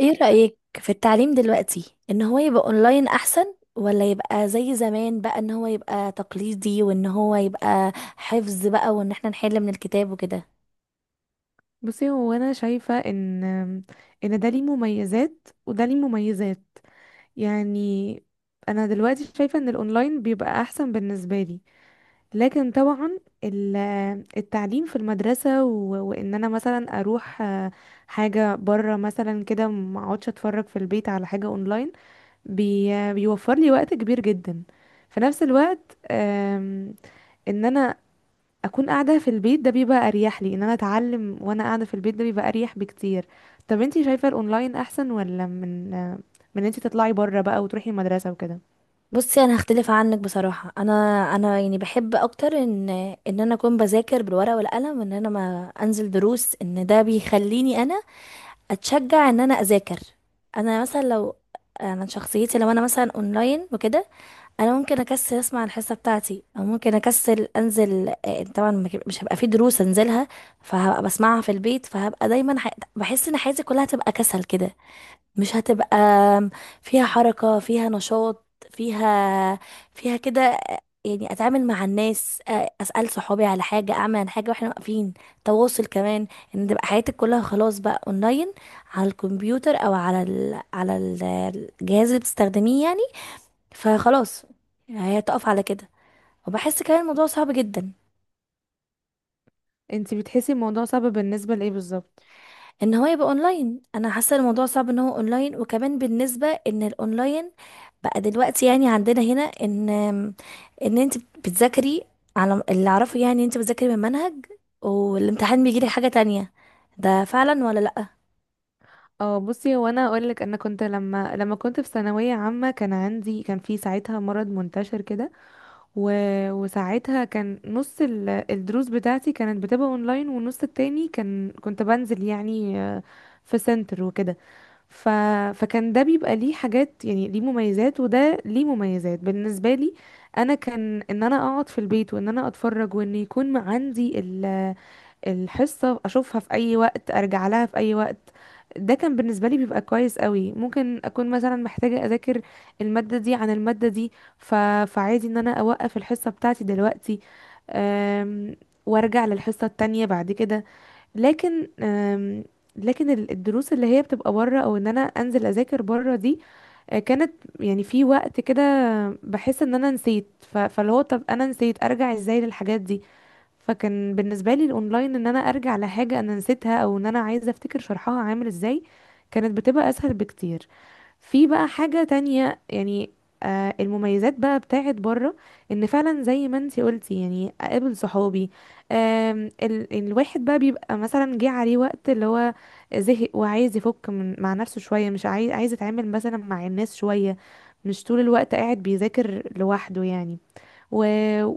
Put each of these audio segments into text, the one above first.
ايه رأيك في التعليم دلوقتي، ان هو يبقى اونلاين احسن، ولا يبقى زي زمان بقى ان هو يبقى تقليدي، وان هو يبقى حفظ بقى، وان احنا نحل من الكتاب وكده؟ بصي، هو انا شايفه ان ده ليه مميزات وده ليه مميزات. يعني انا دلوقتي شايفه ان الاونلاين بيبقى احسن بالنسبه لي. لكن طبعا ال- التعليم في المدرسه وان انا مثلا اروح حاجه بره مثلا كده، ما اقعدش اتفرج في البيت على حاجه اونلاين. بيوفر لي وقت كبير جدا. في نفس الوقت، ان انا اكون قاعده في البيت ده بيبقى اريح لي. ان انا اتعلم وانا قاعده في البيت ده بيبقى اريح بكتير. طب انتي شايفه الاونلاين احسن، ولا من انتي تطلعي بره بقى وتروحي المدرسه وكده؟ بصي، انا هختلف عنك بصراحة. انا يعني بحب اكتر ان انا اكون بذاكر بالورقة والقلم، ان انا ما انزل دروس، ان ده بيخليني انا اتشجع ان انا اذاكر. انا مثلا لو انا شخصيتي لو انا مثلا اونلاين وكده، انا ممكن اكسل اسمع الحصه بتاعتي، او ممكن اكسل انزل، طبعا ما ك- مش هبقى في دروس انزلها، فهبقى بسمعها في البيت. فهبقى دايما بحس ان حياتي كلها هتبقى كسل كده، مش هتبقى فيها حركه، فيها نشاط، فيها فيها كده، يعني اتعامل مع الناس، اسال صحابي على حاجه، اعمل عن حاجه واحنا واقفين، تواصل كمان. ان تبقى حياتك كلها خلاص بقى اونلاين، على الكمبيوتر او الجهاز اللي بتستخدميه يعني. فخلاص، هي تقف على كده. وبحس كمان الموضوع صعب جدا، انتي بتحسي الموضوع صعب بالنسبه لايه بالظبط؟ ان هو يبقى اونلاين. انا حاسه الموضوع صعب ان هو اونلاين، وكمان بالنسبه ان الاونلاين بقى دلوقتي، يعني عندنا هنا ان انت بتذاكري على اللي اعرفه، يعني انت بتذاكري من منهج والامتحان بيجيلك حاجه تانية. ده فعلا ولا لا؟ اه، بصي، هو انا اقول لك: انا كنت لما كنت في ثانويه عامه كان عندي، كان في ساعتها مرض منتشر كده. و... وساعتها كان نص الدروس بتاعتي كانت بتبقى اونلاين، والنص التاني كنت بنزل يعني في سنتر وكده. ف... فكان ده بيبقى ليه حاجات، يعني ليه مميزات وده ليه مميزات. بالنسبة لي انا كان ان انا اقعد في البيت وان انا اتفرج، وان يكون عندي الحصة اشوفها في اي وقت، ارجع لها في اي وقت. ده كان بالنسبة لي بيبقى كويس قوي. ممكن اكون مثلا محتاجة اذاكر المادة دي عن المادة دي، ف... فعادي ان انا اوقف الحصة بتاعتي دلوقتي، أم... وارجع للحصة التانية بعد كده. لكن لكن الدروس اللي هي بتبقى بره او ان انا انزل اذاكر بره دي، كانت يعني في وقت كده بحس ان انا نسيت، فاللي هو طب انا نسيت ارجع ازاي للحاجات دي. فكان بالنسبه لي الاونلاين، ان انا ارجع لحاجه انا نسيتها او ان انا عايزه افتكر شرحها عامل ازاي، كانت بتبقى اسهل بكتير. في بقى حاجة تانية يعني، المميزات بقى بتاعت بره، ان فعلا زي ما انتي قلتي يعني اقابل صحابي. الواحد بقى بيبقى مثلا جه عليه وقت اللي هو زهق وعايز يفك من مع نفسه شوية، مش عايز يتعامل مثلا مع الناس شوية، مش طول الوقت قاعد بيذاكر لوحده يعني. و...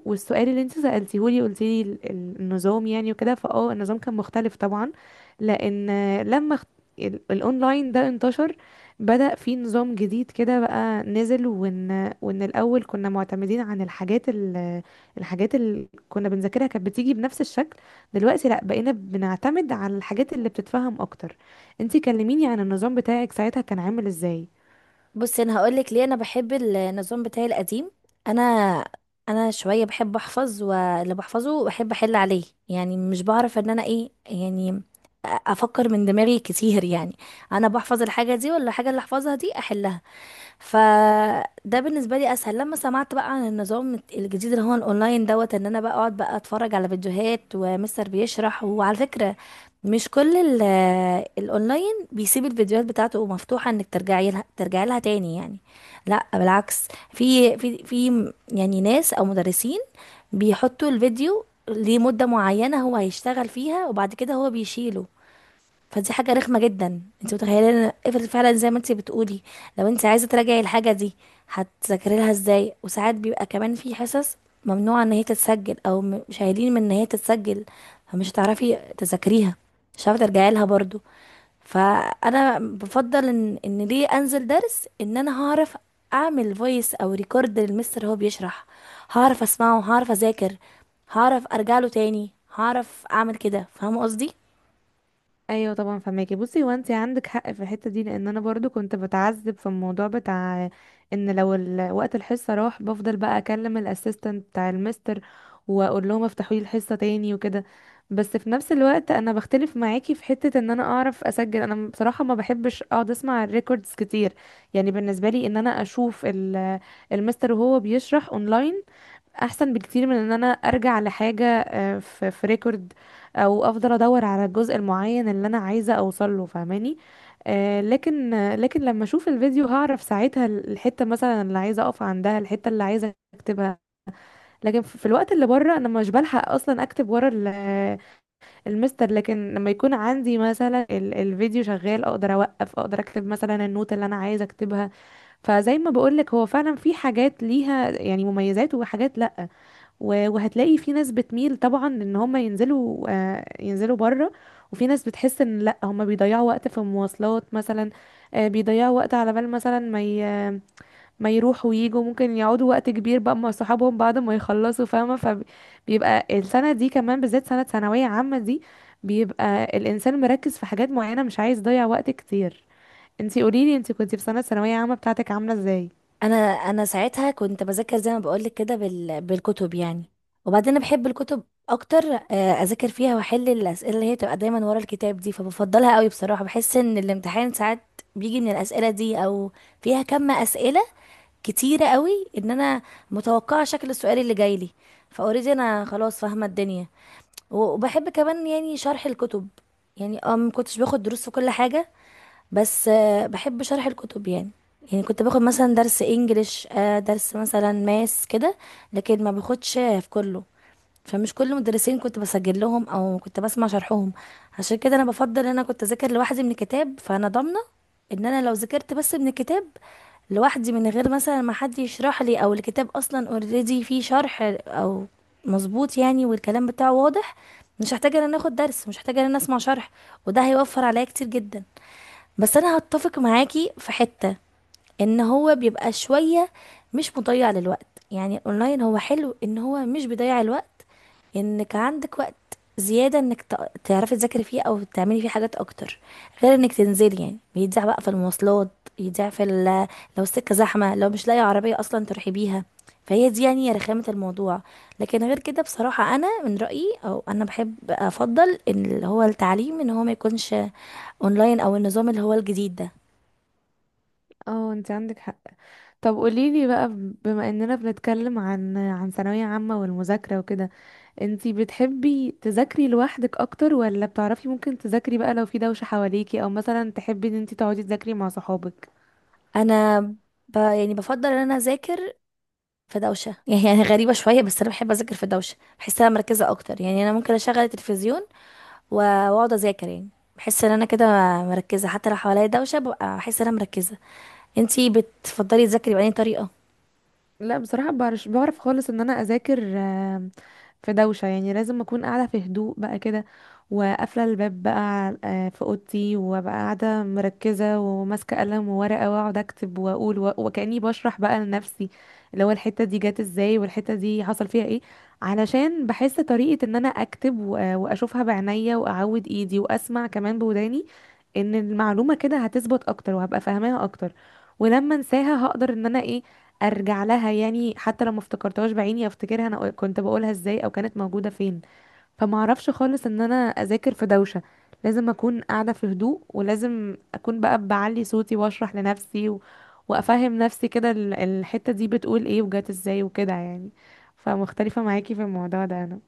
والسؤال اللي انت سألتيه لي، قلت لي النظام يعني وكده، فاه، النظام كان مختلف طبعا، لان لما الاونلاين ده انتشر، بدأ في نظام جديد كده بقى نزل. وان الاول كنا معتمدين عن الحاجات الحاجات اللي كنا بنذاكرها كانت بتيجي بنفس الشكل. دلوقتي لا، بقينا بنعتمد على الحاجات اللي بتتفهم اكتر. انتي كلميني عن النظام بتاعك ساعتها كان عامل ازاي؟ بصي، انا هقولك ليه انا بحب النظام بتاعي القديم. انا انا شويه بحب احفظ، واللي بحفظه بحب احل عليه، يعني مش بعرف ان انا ايه يعني، افكر من دماغي كتير يعني. انا بحفظ الحاجه دي، ولا الحاجه اللي احفظها دي احلها. فده بالنسبه لي اسهل. لما سمعت بقى عن النظام الجديد اللي هو الاونلاين دوت، ان انا بقى اقعد بقى اتفرج على فيديوهات ومستر بيشرح. وعلى فكره، مش كل ال- الاونلاين بيسيب الفيديوهات بتاعته مفتوحه انك ترجعي لها تاني يعني. لا بالعكس، في يعني ناس او مدرسين بيحطوا الفيديو لمده معينه هو هيشتغل فيها، وبعد كده هو بيشيله. فدي حاجة رخمة جدا. انت متخيلة، افرض فعلا زي ما انت بتقولي، لو انت عايزة تراجعي الحاجة دي، هتذاكري لها ازاي؟ وساعات بيبقى كمان في حصص ممنوعة ان هي تتسجل، او شايلين من ان هي تتسجل. فمش هتعرفي تذاكريها، مش هتعرفي ترجعي لها برضو. فانا بفضل ان ليه انزل درس، ان انا هعرف اعمل فويس او ريكورد للمستر هو بيشرح، هعرف اسمعه، هعرف اذاكر، هعرف ارجع له تاني، هعرف اعمل كده. فاهمه قصدي؟ ايوه طبعا، فهماكي. بصي، هو انت عندك حق في الحته دي، لان انا برضو كنت بتعذب في الموضوع بتاع ان لو وقت الحصه راح، بفضل بقى اكلم الاسيستنت بتاع المستر واقول لهم افتحوا لي الحصه تاني وكده. بس في نفس الوقت انا بختلف معاكي في حته ان انا اعرف اسجل. انا بصراحه ما بحبش اقعد اسمع الريكوردز كتير. يعني بالنسبه لي ان انا اشوف المستر وهو بيشرح اونلاين احسن بكتير من ان انا ارجع لحاجه في ريكورد او افضل ادور على الجزء المعين اللي انا عايزه اوصل له، فاهماني. لكن لكن لما اشوف الفيديو هعرف ساعتها الحته مثلا اللي عايزه اقف عندها، الحته اللي عايزه اكتبها. لكن في الوقت اللي بره انا مش بلحق اصلا اكتب ورا المستر. لكن لما يكون عندي مثلا الفيديو شغال، اقدر اوقف، اقدر اكتب مثلا النوت اللي انا عايزه اكتبها. فزي ما بقولك، هو فعلا في حاجات ليها يعني مميزات وحاجات لا. وهتلاقي في ناس بتميل طبعا ان هم ينزلوا، ينزلوا بره، وفي ناس بتحس ان لا، هم بيضيعوا وقت في المواصلات مثلا. بيضيعوا وقت على بال مثلا ما يروحوا ويجوا، ممكن يقعدوا وقت كبير بقى مع صحابهم بعد ما يخلصوا، فاهمة. فبيبقى السنة دي كمان بالذات، سنة ثانوية عامة دي، بيبقى الإنسان مركز في حاجات معينة، مش عايز يضيع وقت كتير. انتي قوليلي انتي كنتي في سنة ثانوية عامة بتاعتك عاملة ازاي؟ انا ساعتها كنت بذاكر زي ما بقولك كده بالكتب يعني. وبعدين أنا بحب الكتب اكتر، اذاكر فيها واحل الاسئله اللي هي تبقى دايما ورا الكتاب دي، فبفضلها قوي بصراحه. بحس ان الامتحان ساعات بيجي من الاسئله دي، او فيها كم اسئله كتيره قوي ان انا متوقعه شكل السؤال اللي جاي لي، فاوريدي انا خلاص فاهمه الدنيا. وبحب كمان يعني شرح الكتب، يعني اه ما كنتش باخد دروس في كل حاجه، بس بحب شرح الكتب يعني. يعني كنت باخد مثلا درس انجليش، درس مثلا ماس كده، لكن ما باخدش في كله. فمش كل مدرسين كنت بسجل لهم او كنت بسمع شرحهم. عشان كده انا بفضل ان انا كنت اذاكر لوحدي من الكتاب. فانا ضامنه ان انا لو ذاكرت بس من الكتاب لوحدي، من غير مثلا ما حد يشرح لي، او الكتاب اصلا اوريدي فيه شرح او مظبوط يعني، والكلام بتاعه واضح، مش هحتاج ان انا اخد درس، مش هحتاج ان انا اسمع شرح، وده هيوفر عليا كتير جدا. بس انا هتفق معاكي في حتة، ان هو بيبقى شوية مش مضيع للوقت. يعني الاونلاين هو حلو ان هو مش بيضيع الوقت، انك عندك وقت زيادة انك تعرفي تذاكري فيه او تعملي فيه حاجات اكتر، غير انك تنزلي يعني بيضيع بقى في المواصلات، يضيع لو السكة زحمة، لو مش لاقي عربية اصلا تروحي بيها. فهي دي يعني رخامة الموضوع. لكن غير كده بصراحة انا من رأيي، او انا بحب افضل، ان اللي هو التعليم ان هو ما يكونش اونلاين، او النظام اللي هو الجديد ده. اه انتي عندك حق. طب قوليلي بقى، بما اننا بنتكلم عن ثانوية عامة والمذاكرة وكده، انتي بتحبي تذاكري لوحدك اكتر، ولا بتعرفي ممكن تذاكري بقى لو في دوشة حواليكي، او مثلا تحبي ان انتي تقعدي تذاكري مع صحابك؟ انا يعني بفضل ان انا اذاكر في دوشه. يعني هي غريبه شويه، بس انا بحب اذاكر في دوشه، بحس انا مركزه اكتر. يعني انا ممكن اشغل التلفزيون و- واقعد اذاكر يعني. بحس ان انا كده مركزه، حتى لو حواليا دوشه ببقى بحس ان انا مركزه. انتي بتفضلي تذاكري بأي طريقه؟ لا، بصراحة بعرف، بعرف خالص ان انا اذاكر في دوشة. يعني لازم اكون قاعدة في هدوء بقى كده، وقافلة الباب بقى، في اوضتي، وبقى قاعدة مركزة وماسكة قلم وورقة، واقعد اكتب واقول وكأني بشرح بقى لنفسي اللي هو الحتة دي جت ازاي والحتة دي حصل فيها ايه. علشان بحس طريقة ان انا اكتب واشوفها بعينيا واعود ايدي واسمع كمان بوداني، ان المعلومة كده هتثبت اكتر وهبقى فاهماها اكتر. ولما انساها هقدر ان انا ايه، ارجع لها يعني. حتى لو ما افتكرتهاش بعيني، افتكرها انا كنت بقولها ازاي او كانت موجوده فين. فما اعرفش خالص ان انا اذاكر في دوشه، لازم اكون قاعده في هدوء، ولازم اكون بقى بعلي صوتي واشرح لنفسي وافهم نفسي كده الحته دي بتقول ايه وجات ازاي وكده يعني. فمختلفه معاكي في الموضوع ده.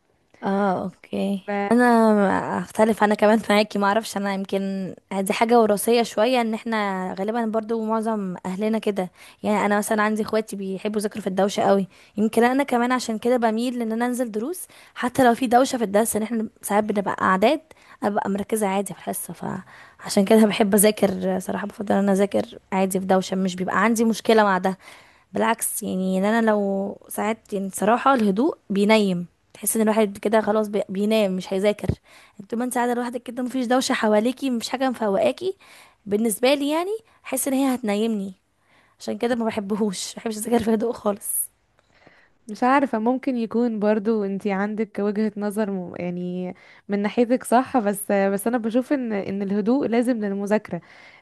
اه، اوكي. انا انا اختلف انا كمان معاكي، ما اعرفش، انا يمكن دي حاجه وراثيه شويه، ان احنا غالبا برضو معظم اهلنا كده يعني. انا مثلا عندي اخواتي بيحبوا يذاكروا في الدوشه قوي، يمكن انا كمان عشان كده بميل ان انا انزل دروس. حتى لو في دوشه في الدرس، ان احنا ساعات بنبقى اعداد، ابقى مركزه عادي في الحصه. فعشان كده بحب اذاكر. صراحه بفضل ان انا اذاكر عادي في دوشه، مش بيبقى عندي مشكله مع ده. بالعكس يعني، إن انا لو ساعات، يعني صراحة الهدوء بينيم. تحس ان الواحد كده خلاص بينام مش هيذاكر، يعني طول ما انت قاعدة لوحدك كده، مفيش دوشة حواليكي، مفيش حاجة مفوقاكي. بالنسبة لي يعني احس ان هي هتنيمني. عشان كده ما بحبش اذاكر في هدوء خالص. مش عارفة، ممكن يكون برضو انتي عندك وجهة نظر يعني من ناحيتك صح، بس انا بشوف ان الهدوء لازم للمذاكرة.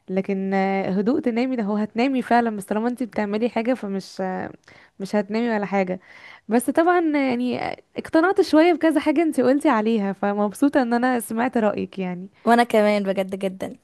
لكن هدوء تنامي ده، هو هتنامي فعلا، بس طالما انتي بتعملي حاجة فمش، مش هتنامي ولا حاجة. بس طبعا يعني اقتنعت شوية بكذا حاجة انتي قلتي عليها، فمبسوطة ان انا سمعت رأيك يعني. وانا كمان بجد جدا.